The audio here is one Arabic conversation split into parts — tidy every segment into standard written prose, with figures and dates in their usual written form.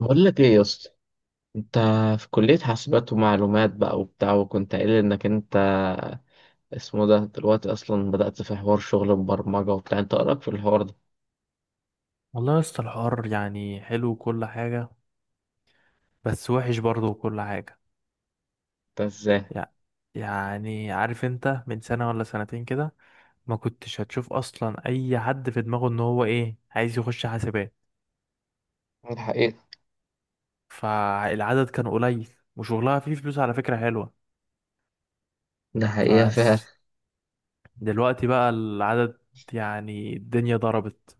بقول لك ايه يا اسطى، انت في كلية حاسبات ومعلومات بقى وبتاع، وكنت قايل انك انت اسمه ده دلوقتي اصلا بدأت في حوار شغل البرمجة وبتاع. انت ايه رأيك في الحوار ده؟ والله يا اسطى الحوار يعني حلو وكل حاجة، بس وحش برضه وكل حاجة. انت ازاي؟ يع- يعني عارف انت من سنة ولا سنتين كده ما كنتش هتشوف اصلا اي حد في دماغه ان هو ايه عايز يخش حاسبات، الحقيقة، فالعدد كان قليل، وشغلها فيه فلوس على فكرة حلوة. ده حقيقة فس فعلا. دلوقتي بقى العدد يعني الدنيا ضربت،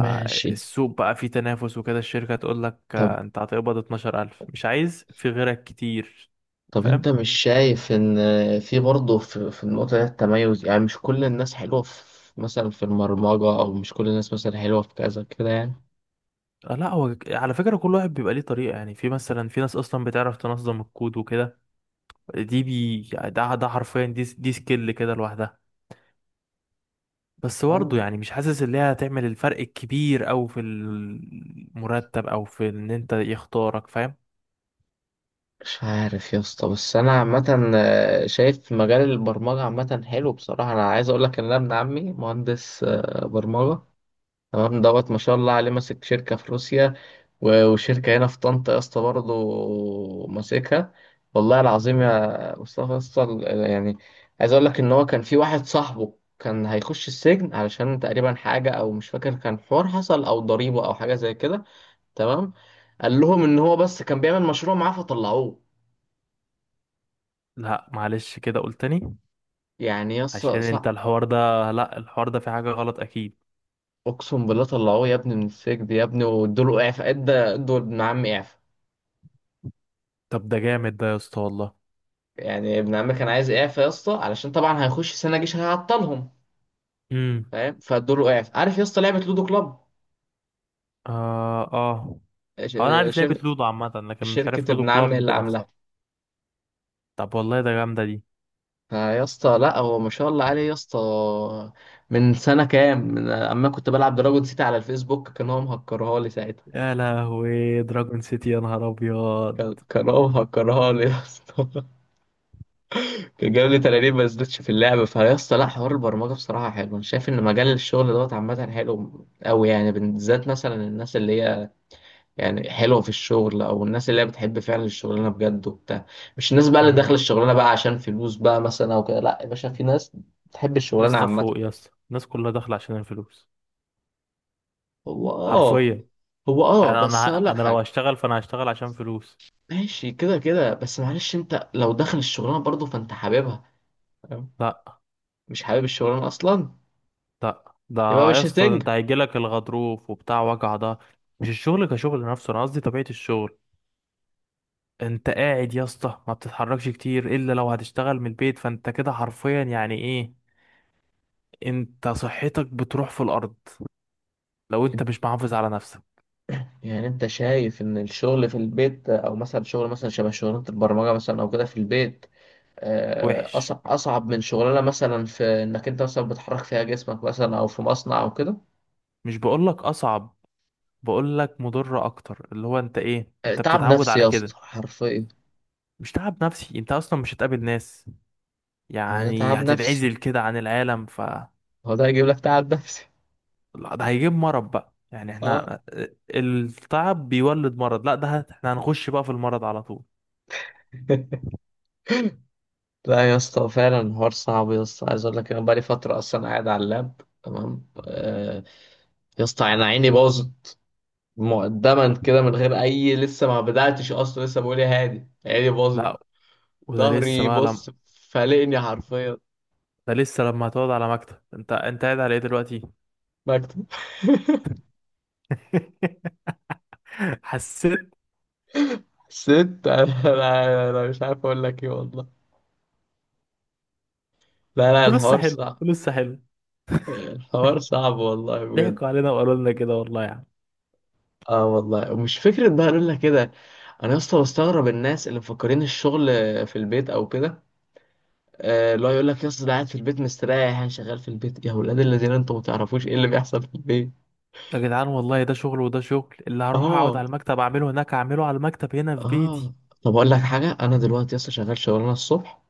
ماشي. بقى فيه تنافس وكده، الشركة تقول لك طب آه، انت هتقبض 12000، مش عايز في غيرك كتير. طب فاهم؟ انت مش شايف ان في برضه في النقطة دي التميز، يعني مش كل الناس حلوة في مثلا في البرمجة، او مش كل الناس مثلا حلوة في كذا كده. آه، لا هو على فكرة كل واحد بيبقى ليه طريقة، يعني في مثلا في ناس أصلا بتعرف تنظم الكود وكده. دي بي يعني، ده حرفيا دي سكيل كده لوحدها. بس يعني برضه يعني مش حاسس إن هي هتعمل الفرق الكبير أوي في المرتب أو في إن أنت يختارك. فاهم؟ مش عارف يا اسطى، بس انا عامه شايف مجال البرمجه عامه حلو بصراحه. انا عايز اقول لك ان انا ابن عمي مهندس برمجه، تمام دوت. ما شاء الله عليه ماسك شركه في روسيا و- وشركه هنا في طنطا يا اسطى برضه ماسكها. والله العظيم يا مصطفى يا اسطى، يعني عايز اقول لك ان هو كان في واحد صاحبه كان هيخش السجن، علشان تقريبا حاجه او مش فاكر، كان حوار حصل او ضريبه او حاجه زي كده. تمام، قال لهم ان هو بس كان بيعمل مشروع معاه فطلعوه. لا معلش، كده قلت تاني يعني يا اسطى عشان أنت صح، الحوار ده، لا الحوار ده في حاجة غلط أكيد. اقسم بالله طلعوه يا ابني من السجن يا ابني، وادوله اعفاء، ادوا ابن عم اعفاء. طب ده جامد ده يا اسطى والله. يعني ابن عم كان عايز اعفاء يا اسطى، علشان طبعا هيخش سنه جيش هيعطلهم. امم. فاهم؟ فادوله اعفاء. عارف يا اسطى لعبه لودو كلاب؟ آه، آه. ش- هو أنا عارف لعبة شر... لودو عامة، لكن مش شركه عارف لودو ابن عم كلاب اللي نفسها. عاملاها. طب والله ده جامدة دي. فيا اسطى لا، هو ما شاء الله عليه يا اسطى. من سنه كام، من اما كنت بلعب دراجون سيتي على الفيسبوك، كان هو مهكرها لي ساعتها. يا لهوي، دراجون سيتي، يا نهار ابيض. كان هو مهكرها لي يا اسطى. كان جاب لي 30 ما نزلتش في اللعبة. فيا اسطى لا، حوار البرمجة بصراحة حلو. أنا شايف إن مجال الشغل دوت عامة حلو أوي، يعني بالذات مثلا الناس اللي هي يعني حلوة في الشغل، أو الناس اللي هي بتحب فعلا الشغلانة بجد وبتاع. مش الناس بقى اللي داخلة امم. الشغلانة بقى عشان فلوس بقى مثلا أو كده، لا يا باشا، في ناس بتحب يا الشغلانة اسطى عامة. فوق يا اسطى، الناس كلها داخله عشان الفلوس، هو آه، حرفيا. هو اه، يعني انا بس اقول ه- لك انا لو حاجه. هشتغل فانا هشتغل عشان فلوس. ماشي كده كده، بس معلش انت لو داخل الشغلانه برضه فانت حاببها، فاهم؟ لا، مش حابب الشغلانه اصلا، لا ده، يبقى يا مش اسطى هتنجح. انت هيجيلك الغضروف وبتاع وجع ده. مش الشغل كشغل نفسه، انا قصدي طبيعه الشغل. انت قاعد يا اسطى، ما بتتحركش كتير الا لو هتشتغل من البيت، فانت كده حرفيا يعني ايه، انت صحتك بتروح في الارض لو انت مش محافظ على نفسك. يعني انت شايف ان الشغل في البيت، او مثلا شغل مثلا شبه شغلانه البرمجه مثلا او كده في البيت، وحش، اصعب من شغلانه مثلا في انك انت مثلا بتحرك فيها جسمك مثلا او في مصنع او كده؟ مش بقولك اصعب، بقول لك مضرة اكتر، اللي هو انت ايه انت تعب بتتعود نفسي على يا اسطى كده. حرفيا. مش تعب نفسي، انت اصلا مش هتقابل ناس، هو ده يعني تعب نفسي، هتتعزل كده عن العالم ف... هو ده هيجيب لك تعب نفسي. لا، ده هيجيب مرض بقى، يعني اه. احنا التعب بيولد مرض، لا احنا هنخش بقى في المرض على طول. لا يا اسطى فعلا الحوار صعب يا اسطى، عايز اقول لك انا بقالي فتره اصلا قاعد على اللاب، تمام. يا اسطى انا عيني باظت، مقدما كده من غير اي، لسه ما بداتش اصلا، لسه بقول يا هادي عيني باظت. لا وده لسه ظهري بقى لم... بص فلقني حرفيا. ده لسه لما هتقعد على مكتب، انت قاعد على ايه دلوقتي؟ مكتب. حسيت. ست انا، أنا مش عارف اقول لك ايه والله. لا لا، فلوسها الحوار حلوه، صعب. فلوسها حلوه. الحوار صعب والله بجد. ضحكوا علينا وقالوا لنا كده والله يا عم. اه والله، ومش فكرة بقى اقول لك كده. انا يا اسطى بستغرب الناس اللي مفكرين الشغل في البيت او كده، اللي هو يقول لك يا اسطى ده قاعد في البيت مستريح، يعني شغال في البيت. يا ولاد الذين انتوا ما تعرفوش ايه اللي بيحصل في البيت. يا جدعان والله ده شغل، وده شغل اللي هروح اقعد اه، على المكتب اعمله هناك، اعمله على المكتب هنا في بيتي. اه. طب اقول لك حاجة، انا دلوقتي يا اسطى شغال شغلانة الصبح،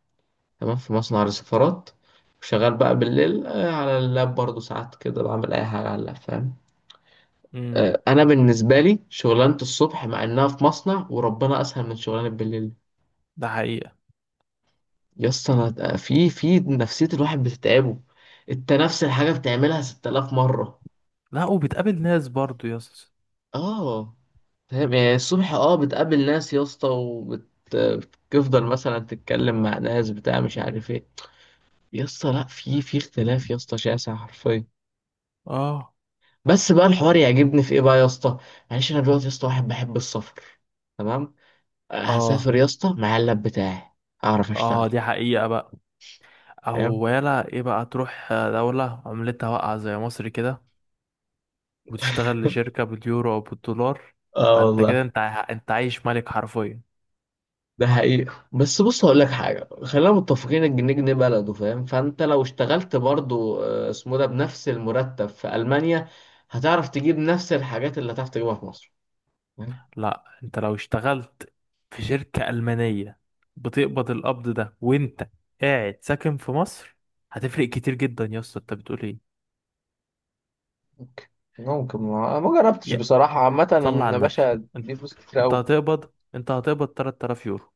تمام، في مصنع للسفارات. وشغال بقى بالليل على اللاب برضه. ساعات كده بعمل أي حاجة على اللاب، فاهم؟ امم. أنا بالنسبة لي شغلانة الصبح مع إنها في مصنع وربنا أسهل من شغلانة بالليل، ده حقيقة. يا اسطى. أنا في نفسية الواحد بتتعبه، أنت نفس الحاجة بتعملها 6,000 مرة. لا، وبتقابل ناس برضو يا اسطى. آه، فاهم؟ يعني الصبح، اه، بتقابل ناس يا اسطى، وبتفضل مثلا تتكلم مع ناس بتاع مش عارف ايه. يا اسطى لا، في اختلاف يا اسطى شاسع حرفيا. اه. بس بقى الحوار يعجبني في ايه بقى يا اسطى؟ معلش انا دلوقتي يا اسطى واحد بحب السفر، تمام، اه. هسافر يا اسطى مع اللاب بتاعي، اعرف اشتغل، اه دي حقيقة بقى. فاهم؟ او يلا ايه بقى، تروح دولة عملتها واقعة زي مصر كده وتشتغل لشركة باليورو او بالدولار، اه فانت والله. كده انت عايش ملك حرفيا. ده حقيقة، بس بص هقول لك حاجة، خلينا متفقين الجنيه جنيه بلده، فاهم؟ فانت لو اشتغلت برضو اسمه ده بنفس المرتب في ألمانيا، هتعرف تجيب نفس الحاجات اللي هتعرف تجيبها في مصر، فاهم؟ لا، انت لو اشتغلت في شركة ألمانية، بتقبض القبض ده وانت قاعد ساكن في مصر، هتفرق كتير جدا يا اسطى، انت بتقول ايه؟ ممكن، ما جربتش يا، بصراحة عامة. صلي على يا النبي. باشا انت دي فلوس كتير انت أوي. هتقبض انت هتقبض 3000 يورو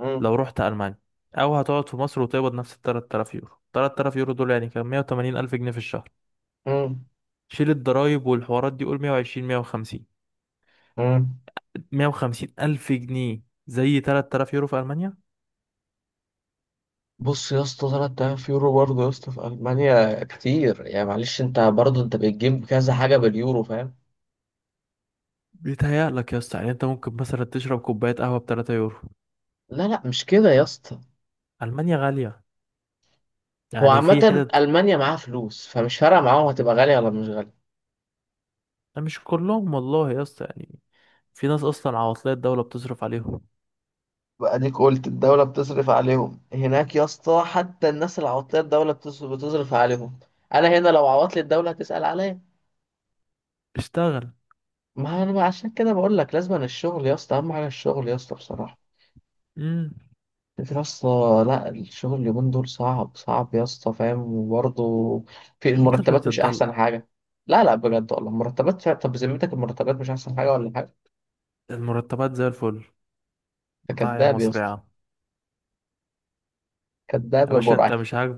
مم. لو رحت ألمانيا، او هتقعد في مصر وتقبض نفس ال 3000 يورو. 3000 يورو دول يعني كام؟ 180 الف جنيه في الشهر. مم. شيل الضرايب والحوارات دي، قول 120، 150. مم. 150 الف جنيه زي 3000 يورو في ألمانيا. بص يا اسطى، تلات آلاف يورو برضه يا اسطى في ألمانيا كتير، يعني معلش أنت برضه أنت بتجيب كذا حاجة باليورو، فاهم؟ بيتهيألك يا اسطى، يعني انت ممكن مثلا تشرب كوباية قهوة ب 3 يورو. لا لا مش كده يا اسطى. ألمانيا غالية، هو يعني في عامة حتت. ألمانيا معاها فلوس، فمش فارقة معاهم هتبقى غالية ولا مش غالية. مش كلهم والله يا اسطى، يعني في ناس أصلا عواطلية الدولة بتصرف عليهم. بقى اديك قلت الدولة بتصرف عليهم هناك يا اسطى، حتى الناس العواطيه الدولة بتصرف عليهم. أنا هنا لو عوضت لي الدولة هتسأل عليا؟ اشتغل. ما أنا عشان كده بقول لك لازم الشغل يا اسطى، أهم حاجة الشغل يا اسطى بصراحة. امم. يا اسطى، لا الشغل اليومين دول صعب، صعب يا اسطى، فاهم؟ وبرضه في انت اللي المرتبات مش بتدل. احسن حاجه. لا لا، بجد والله المرتبات فعلا، طب بذمتك المرتبات مش احسن حاجه ولا حاجه؟ المرتبات زي الفل، انت بتاع يا كداب يا مصر يا اسطى. عم. كداب يا يا باشا، برعي.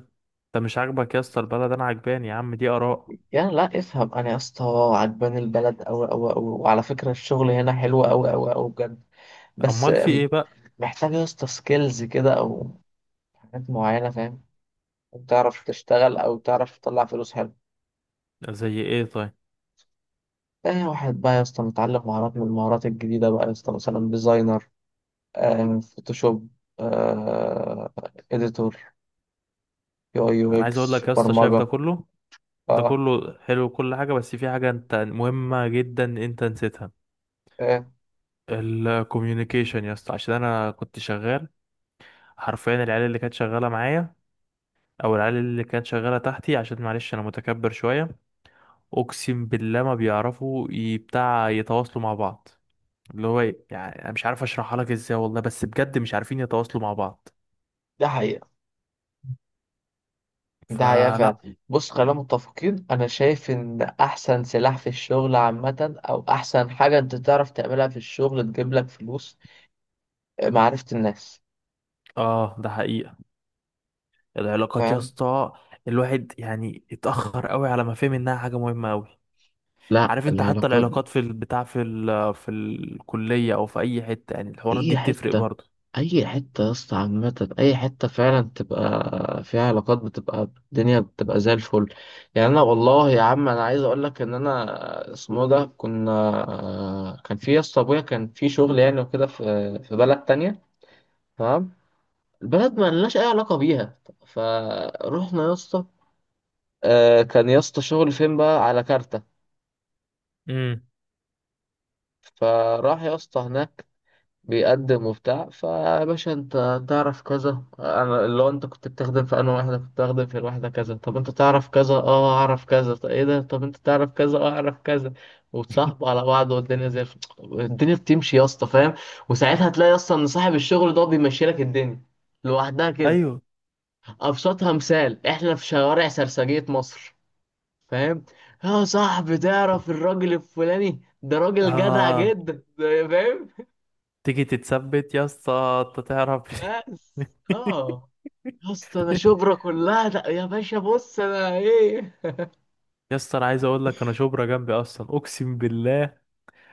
انت مش عاجبك يا اسطى البلد، انا عجباني يا عم، دي آراء. يعني لا، افهم انا يا اسطى، عجباني البلد اوي اوي اوي، وعلى فكره الشغل هنا حلو اوي اوي اوي بجد. بس أمال في ايه بقى؟ محتاج يا اسطى سكيلز كده او حاجات معينه، فاهم؟ تعرف تشتغل او تعرف تطلع فلوس حلو. زي ايه طيب؟ تاني واحد بقى يا اسطى متعلم مهارات من المهارات الجديدة بقى يا اسطى، مثلا ديزاينر، فوتوشوب، آه، اديتور، يو اي يو انا عايز اقول اكس، لك يا اسطى، شايف ده برمجة. كله؟ ده اه، كله حلو كل حاجة، بس في حاجة انت مهمة جدا انت نسيتها. آه، الكوميونيكيشن يا اسطى، عشان انا كنت شغال حرفيا، العيال اللي كانت شغالة معايا او العيال اللي كانت شغاله تحتي، عشان معلش انا متكبر شويه، اقسم بالله ما بيعرفوا ي- بتاع يتواصلوا مع بعض، اللي هو يعني انا مش عارف اشرحها لك ازاي والله، بس بجد مش عارفين يتواصلوا مع بعض. ده حقيقة. ده حقيقة فلا. فعلا، بص خلينا متفقين، انا شايف ان احسن سلاح في الشغل عامة او احسن حاجة انت تعرف تعملها في الشغل تجيب لك فلوس، معرفة الناس، اه ده حقيقه، العلاقات يا فاهم؟ اسطى، الواحد يعني اتاخر قوي على ما فهم انها حاجه مهمه قوي. لا، عارف انت، حتى العلاقات. العلاقات في البتاع، في في الكليه او في اي حته، يعني الحوارات دي اي بتفرق حته، برضه. اي حته يا اسطى عامه، اي حته فعلا تبقى فيها علاقات بتبقى الدنيا بتبقى زي الفل. يعني انا والله يا عم، انا عايز اقول لك ان انا اسمه ده كنا، كان في يا اسطى ابويا كان في شغل يعني وكده، في بلد تانية، تمام. البلد ما لناش اي علاقه بيها، فروحنا يا اسطى كان يا اسطى شغل فين بقى على كارتة. امم. فراح يا اسطى هناك بيقدم وبتاع. فيا باشا انت تعرف كذا، انا اللي هو انت كنت بتخدم في، انا واحده كنت بتخدم في الواحده كذا، طب انت تعرف كذا؟ اه اعرف كذا. طب ايه ده، طب انت تعرف كذا؟ اه اعرف كذا. وتصاحبوا على بعض والدنيا زي الدنيا بتمشي يا اسطى، فاهم؟ وساعتها تلاقي اصلا ان صاحب الشغل ده بيمشي لك الدنيا لوحدها كده. ايوه. ابسطها مثال، احنا في شوارع سرسجية مصر، فاهم؟ يا صاحبي تعرف الراجل الفلاني ده راجل جدع آه. جدا فاهم؟ تيجي تتثبت يا اسطى انت تعرف. بس اه، يا اسطى انا شبرا كلها ده يا باشا، بص انا ايه. يا اسطى انا عايز اقول لك، انا شبرا جنبي اصلا اقسم بالله،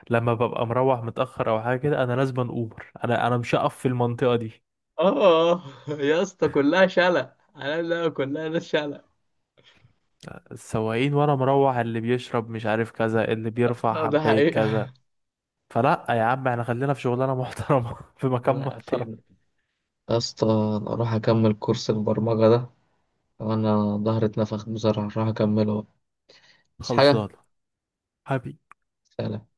لما ببقى مروح متاخر او حاجه كده انا لازم اوبر، انا مش هقف في المنطقه دي. اه، يا اسطى كلها شلة، انا لا كلها ناس شلة. السواقين وانا مروح، اللي بيشرب مش عارف كذا، اللي بيرفع اه ده حبايه حقيقة. كذا. فلا يا عم، احنا خلينا في شغلانه محترمه في مكان ربنا محترم. يعافينا. يا اسطى انا اروح اكمل كورس البرمجة ده وانا ظهري اتنفخ بصراحة، اروح اكمله، بس حاجة، خلصانه حبيبي. سلام.